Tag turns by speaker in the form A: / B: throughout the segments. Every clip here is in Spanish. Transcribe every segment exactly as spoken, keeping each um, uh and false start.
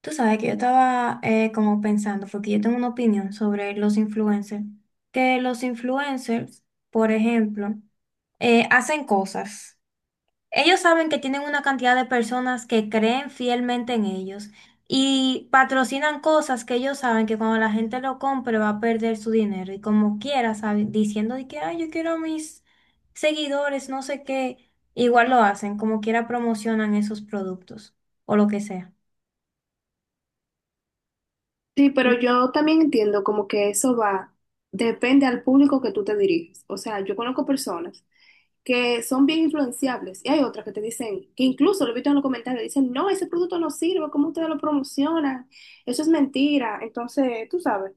A: Tú sabes que yo estaba eh, como pensando, porque yo tengo una opinión sobre los influencers, que los influencers, por ejemplo, eh, hacen cosas. Ellos saben que tienen una cantidad de personas que creen fielmente en ellos y patrocinan cosas que ellos saben que cuando la gente lo compre va a perder su dinero y como quiera, sabe- diciendo de que, ay, yo quiero a mis seguidores, no sé qué, igual lo hacen, como quiera promocionan esos productos o lo que sea.
B: Sí, pero yo también entiendo como que eso va, depende al público que tú te diriges. O sea, yo conozco personas que son bien influenciables y hay otras que te dicen, que incluso lo he visto en los comentarios, dicen, no, ese producto no sirve, ¿cómo ustedes lo promocionan? Eso es mentira. Entonces, tú sabes,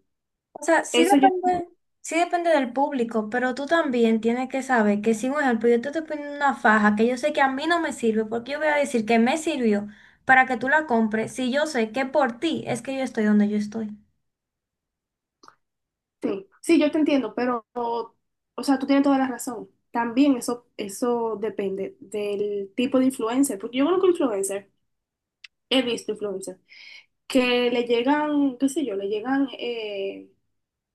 A: O sea, sí
B: eso yo,
A: depende, sí depende del público, pero tú también tienes que saber que si, por ejemplo, yo te estoy poniendo una faja que yo sé que a mí no me sirve, porque yo voy a decir que me sirvió para que tú la compres, si yo sé que por ti es que yo estoy donde yo estoy.
B: sí, sí, yo te entiendo, pero, o sea, tú tienes toda la razón. También eso, eso depende del tipo de influencer, porque yo conozco influencer, he visto influencer que le llegan, qué sé yo, le llegan eh,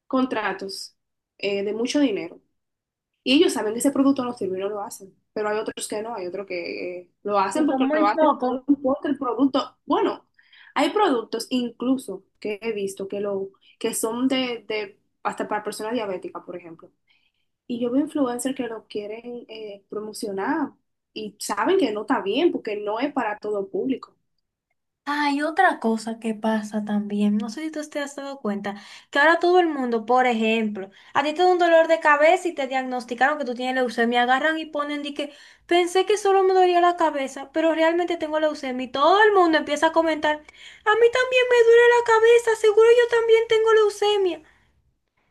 B: contratos eh, de mucho dinero. Y ellos saben que ese producto no sirve y no lo hacen. Pero hay otros que no, hay otros que eh, lo
A: Yo
B: hacen
A: soy
B: porque
A: muy
B: lo hacen, no
A: poco.
B: importa el producto. Bueno, hay productos incluso que he visto que, lo, que son de, de- hasta para personas diabéticas, por ejemplo. Y yo veo influencers que lo quieren eh, promocionar y saben que no está bien porque no es para todo público.
A: Hay otra cosa que pasa también, no sé si tú te has dado cuenta, que ahora todo el mundo, por ejemplo, a ti te da un dolor de cabeza y te diagnosticaron que tú tienes leucemia, agarran y ponen de que pensé que solo me dolía la cabeza, pero realmente tengo leucemia y todo el mundo empieza a comentar, a mí también me duele la cabeza, seguro yo también tengo leucemia.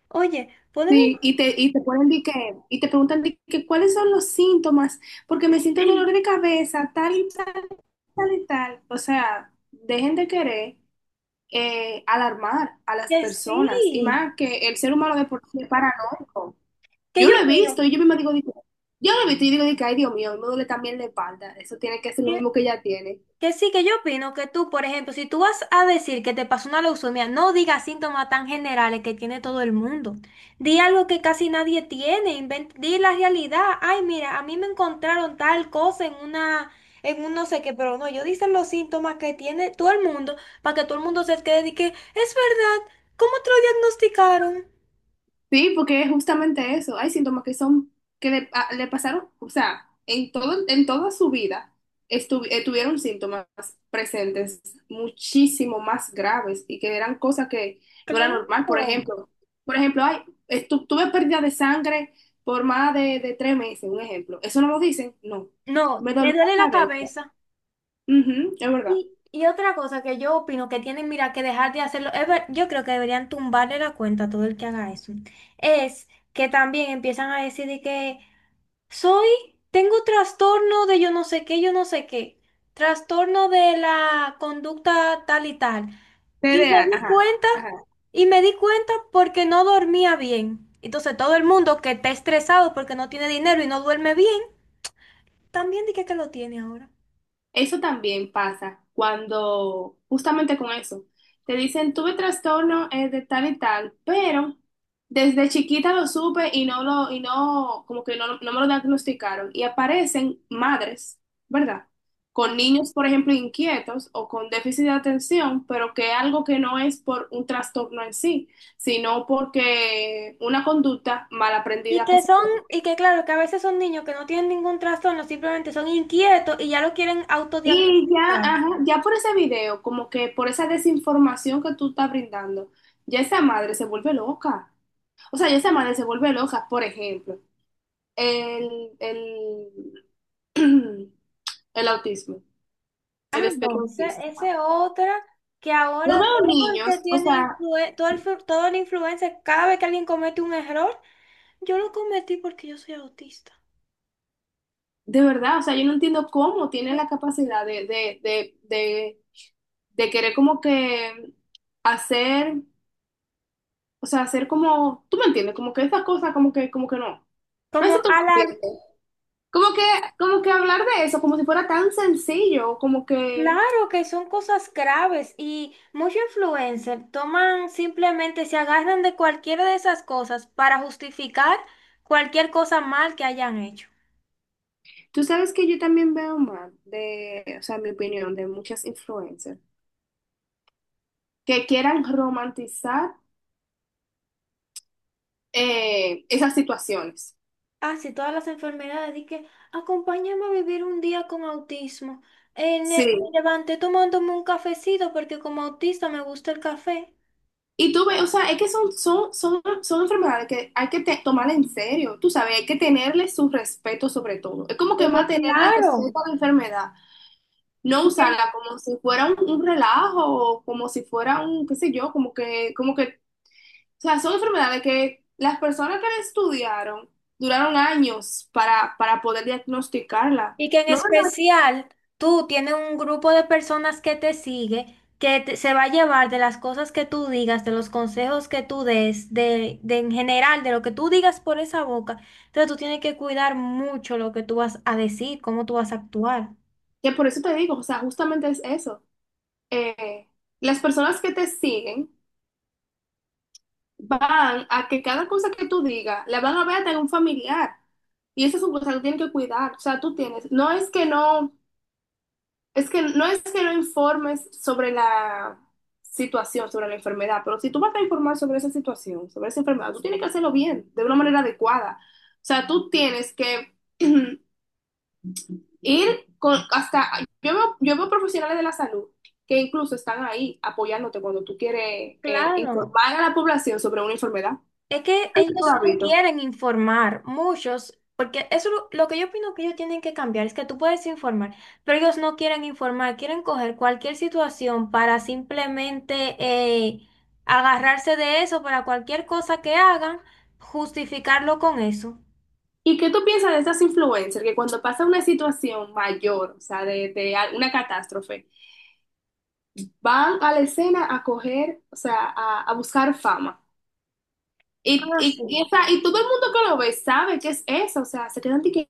A: Oye, ponen
B: Sí,
A: un...
B: y te, y te ponen de que, y te preguntan de que cuáles son los síntomas, porque me siento dolor de cabeza, tal y tal, tal y tal. O sea, dejen de querer eh, alarmar a las
A: ¿Que
B: personas, y
A: sí,
B: más que el ser humano de por sí es paranoico.
A: que
B: Yo
A: yo
B: lo he
A: opino?
B: visto, y yo misma digo, de que- yo lo he visto, y digo, de que, ay, Dios mío, me duele también la espalda, eso tiene que ser lo mismo que ella tiene.
A: Que sí, que yo opino que tú, por ejemplo, si tú vas a decir que te pasó una leucemia, no digas síntomas tan generales que tiene todo el mundo. Di algo que casi nadie tiene, inven- di la realidad. Ay, mira, a mí me encontraron tal cosa en una, en un no sé qué, pero no, yo dicen los síntomas que tiene todo el mundo para que todo el mundo se quede y que es verdad, ¿cómo te lo diagnosticaron?
B: Sí, porque es justamente eso. Hay síntomas que son, que le, a- le pasaron, o sea, en todo, en toda su vida estu- eh, tuvieron síntomas presentes muchísimo más graves y que eran cosas que no era
A: Claro.
B: normal. Por ejemplo, por ejemplo, hay, estu- tuve pérdida de sangre por más de, de tres meses, un ejemplo. ¿Eso no lo dicen? No.
A: No,
B: Me
A: me
B: dolió
A: duele
B: la
A: la
B: cabeza.
A: cabeza.
B: Ujú, es verdad.
A: Y, y otra cosa que yo opino que tienen, mira, que dejar de hacerlo, es ver- yo creo que deberían tumbarle la cuenta a todo el que haga eso, es que también empiezan a decir de que soy, tengo trastorno de yo no sé qué, yo no sé qué, trastorno de la conducta tal y tal.
B: T
A: Y me
B: TDA,
A: di
B: ajá.
A: cuenta,
B: Ajá.
A: y me di cuenta porque no dormía bien. Entonces todo el mundo que está estresado porque no tiene dinero y no duerme bien, también dije que lo tiene ahora.
B: Eso también pasa cuando, justamente con eso, te dicen, tuve trastorno eh, de tal y tal, pero desde chiquita lo supe y no lo, y no, como que no, no me lo diagnosticaron. Y aparecen madres, ¿verdad? Con niños, por ejemplo, inquietos o con déficit de atención, pero que algo que no es por un trastorno en sí, sino porque una conducta mal
A: Y
B: aprendida que
A: que
B: se
A: son,
B: dio.
A: y que claro, que a veces son niños que no tienen ningún trastorno, simplemente son inquietos y ya lo quieren
B: Y ya,
A: autodiagnosticar.
B: ajá, ya por ese video, como que por esa desinformación que tú estás brindando, ya esa madre se vuelve loca. O sea, ya esa madre se vuelve loca, por ejemplo, el, el, el autismo, el
A: Ah, no,
B: espectro
A: ese,
B: autista.
A: ese otra que
B: Yo
A: ahora
B: veo
A: todo el
B: niños,
A: que
B: o
A: tiene
B: sea,
A: influen- todo el, flu- todo el influencer, cada vez que alguien comete un error, yo lo cometí porque yo soy autista.
B: de verdad, o sea, yo no entiendo cómo tienen la capacidad de, de, de, de, de querer como que hacer, o sea, hacer como, tú me entiendes, como que esa cosa, como que, como que no. No
A: Como
B: sé si tú me
A: alarm,
B: entiendes. Como que, como que hablar de eso, como si fuera tan sencillo, como que
A: claro que son cosas graves y muchos influencers toman simplemente, se agarran de cualquiera de esas cosas para justificar cualquier cosa mal que hayan hecho.
B: tú sabes que yo también veo mal de, o sea, mi opinión de muchas influencers que quieran romantizar eh, esas situaciones.
A: Así todas las enfermedades, y que acompáñame a vivir un día con autismo. Eh,
B: Sí.
A: ne- me levanté tomándome un cafecito porque como autista me gusta el café.
B: Y tú ves, o sea, es que son, son, son, son enfermedades que hay que te- tomar en serio, tú sabes, hay que tenerle su respeto sobre todo. Es como que
A: Pero
B: más tenerle
A: claro.
B: respeto a la enfermedad, no
A: Y que
B: usarla como si fuera un, un relajo o como si fuera un, qué sé yo, como que, como que. O sea, son enfermedades que las personas que la estudiaron duraron años para, para poder diagnosticarla.
A: y que en
B: No,
A: especial tú tienes un grupo de personas que te sigue, que te- se va a llevar de las cosas que tú digas, de los consejos que tú des, de, de en general, de lo que tú digas por esa boca. Entonces tú tienes que cuidar mucho lo que tú vas a decir, cómo tú vas a actuar.
B: que por eso te digo, o sea, justamente es eso. Eh, las personas que te siguen van a que cada cosa que tú digas la van a ver hasta en un familiar. Y eso es un cosa que tienen que cuidar. O sea, tú tienes, no es que no. Es que no es que no informes sobre la situación, sobre la enfermedad, pero si tú vas a informar sobre esa situación, sobre esa enfermedad, tú tienes que hacerlo bien, de una manera adecuada. O sea, tú tienes que ir con hasta, yo veo, yo veo profesionales de la salud que incluso están ahí apoyándote cuando tú quieres eh,
A: Claro.
B: informar a la población sobre una enfermedad.
A: Es que
B: Tú
A: ellos
B: has
A: no
B: visto.
A: quieren informar, muchos, porque eso lo, lo que yo opino que ellos tienen que cambiar es que tú puedes informar, pero ellos no quieren informar, quieren coger cualquier situación para simplemente eh, agarrarse de eso, para cualquier cosa que hagan, justificarlo con eso.
B: ¿Y qué tú piensas de esas influencers que cuando pasa una situación mayor, o sea, de, de una catástrofe, van a la escena a coger, o sea, a, a buscar fama. Y,
A: Ah,
B: y,
A: sí.
B: y, o sea, y todo el mundo que lo ve sabe que es eso, o sea, se quedan de que,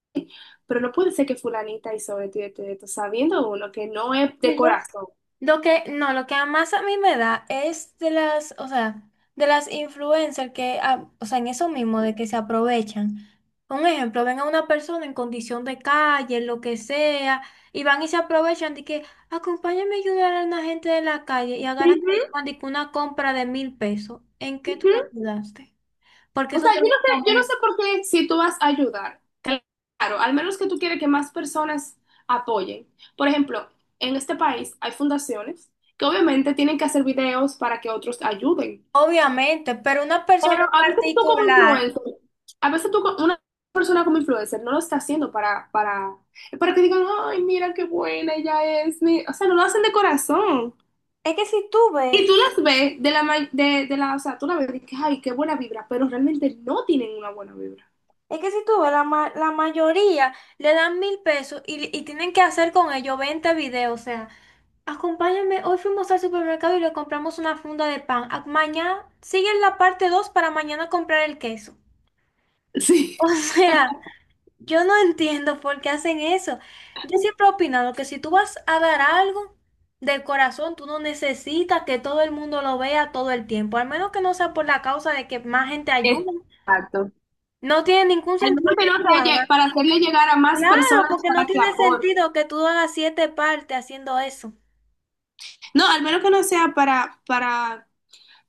B: pero no puede ser que fulanita hizo esto y esto y esto, sabiendo uno que no es de
A: Yo
B: corazón.
A: lo que, no, lo que más a mí me da es de las, o sea, de las influencers que, ah, o sea, en eso mismo, de que se aprovechan. Un ejemplo, ven a una persona en condición de calle, lo que sea, y van y se aprovechan de que, acompáñame a ayudar a una gente de la calle y agarran
B: Ujú,
A: que llevan de que una compra de mil pesos. ¿En qué tú la
B: ujú.
A: ayudaste? Porque
B: O
A: eso
B: sea,
A: se
B: yo
A: lo
B: no
A: va a
B: sé, yo no
A: comer.
B: sé por qué si tú vas a ayudar, claro, al menos que tú quieres que más personas apoyen. Por ejemplo, en este país hay fundaciones que obviamente tienen que hacer videos para que otros ayuden.
A: Obviamente, pero una persona
B: Pero
A: en
B: a veces tú como
A: particular,
B: influencer, a veces tú, co- una persona como influencer no lo está haciendo para, para, para, que digan, ay, mira qué buena ella es. mi-". O sea, no lo hacen de corazón.
A: es que si tú
B: Y
A: ves...
B: tú las ves de la, ma- de, de la, o sea, tú la ves y dices, ay, qué buena vibra, pero realmente no tienen una buena vibra.
A: Es que si tú ves, la, ma- la mayoría le dan mil pesos y, y tienen que hacer con ello veinte videos. O sea, acompáñame, hoy fuimos al supermercado y le compramos una funda de pan. Ah, mañana siguen la parte dos para mañana comprar el queso.
B: Sí,
A: O sea, yo no entiendo por qué hacen eso. Yo siempre he opinado que si tú vas a dar algo del corazón, tú no necesitas que todo el mundo lo vea todo el tiempo. Al menos que no sea por la causa de que más gente ayude.
B: exacto.
A: No tiene ningún
B: Al
A: sentido
B: menos que no
A: que tú
B: sea lle-
A: hagas.
B: para hacerle llegar a más
A: Claro,
B: personas
A: porque no
B: para que
A: tiene
B: aporten.
A: sentido que tú hagas siete partes haciendo eso.
B: No, al menos que no sea para, para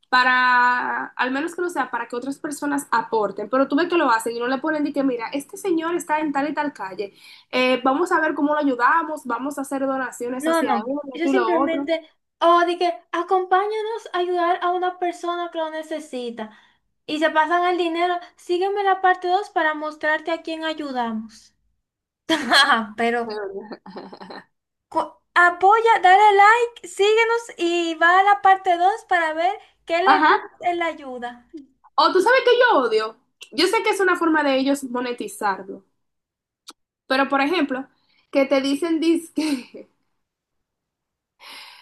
B: para, al menos que no sea, para que otras personas aporten, pero tú ves que lo hacen y no le ponen de que, mira, este señor está en tal y tal calle, eh, vamos a ver cómo lo ayudamos, vamos a hacer donaciones
A: No,
B: hacia él,
A: no. Yo
B: tú lo otro.
A: simplemente, o de que acompáñanos a ayudar a una persona que lo necesita. Y se pasan el dinero. Sígueme la parte dos para mostrarte a quién ayudamos. Pero cu- apoya, dale like, síguenos y va a la parte dos para ver qué le
B: Ajá.
A: dices en la ayuda.
B: O tú sabes que yo odio. Yo sé que es una forma de ellos monetizarlo, pero por ejemplo, que te dicen disque,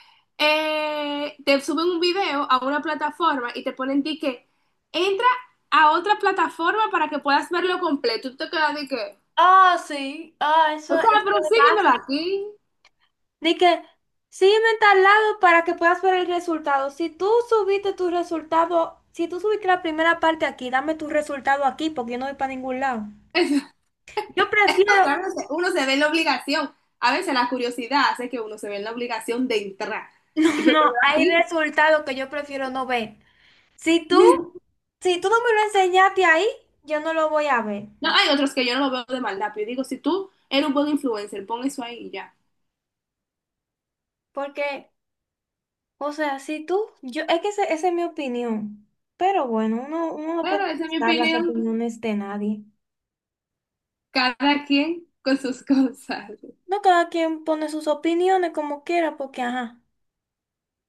B: eh, te suben un video a una plataforma y te ponen que entra a otra plataforma para que puedas verlo completo. Tú te quedas de que
A: Ah, sí. Ah, eso,
B: O sea,
A: eso
B: pero
A: es
B: síguemelo
A: básico.
B: aquí.
A: De que sígueme en tal lado para que puedas ver el resultado. Si tú subiste tu resultado, si tú subiste la primera parte aquí, dame tu resultado aquí porque yo no voy para ningún lado. Yo
B: O
A: prefiero,
B: sea, uno se uno se ve en la obligación. A veces la curiosidad hace que uno se ve en la obligación de entrar. Y
A: no,
B: pero pero
A: no, hay
B: así.
A: resultados que yo prefiero no ver. Si tú, si tú no me lo enseñaste ahí, yo no lo voy a ver.
B: No, hay otros que yo no lo veo de maldad, pero yo digo, si tú eres un buen influencer, pon eso ahí y ya.
A: Porque, o sea, si tú, yo, es que ese- esa es mi opinión. Pero bueno, uno, uno no
B: Bueno,
A: puede
B: esa es mi
A: dar las
B: opinión.
A: opiniones de nadie.
B: Cada quien con sus cosas.
A: No, cada quien pone sus opiniones como quiera, porque ajá.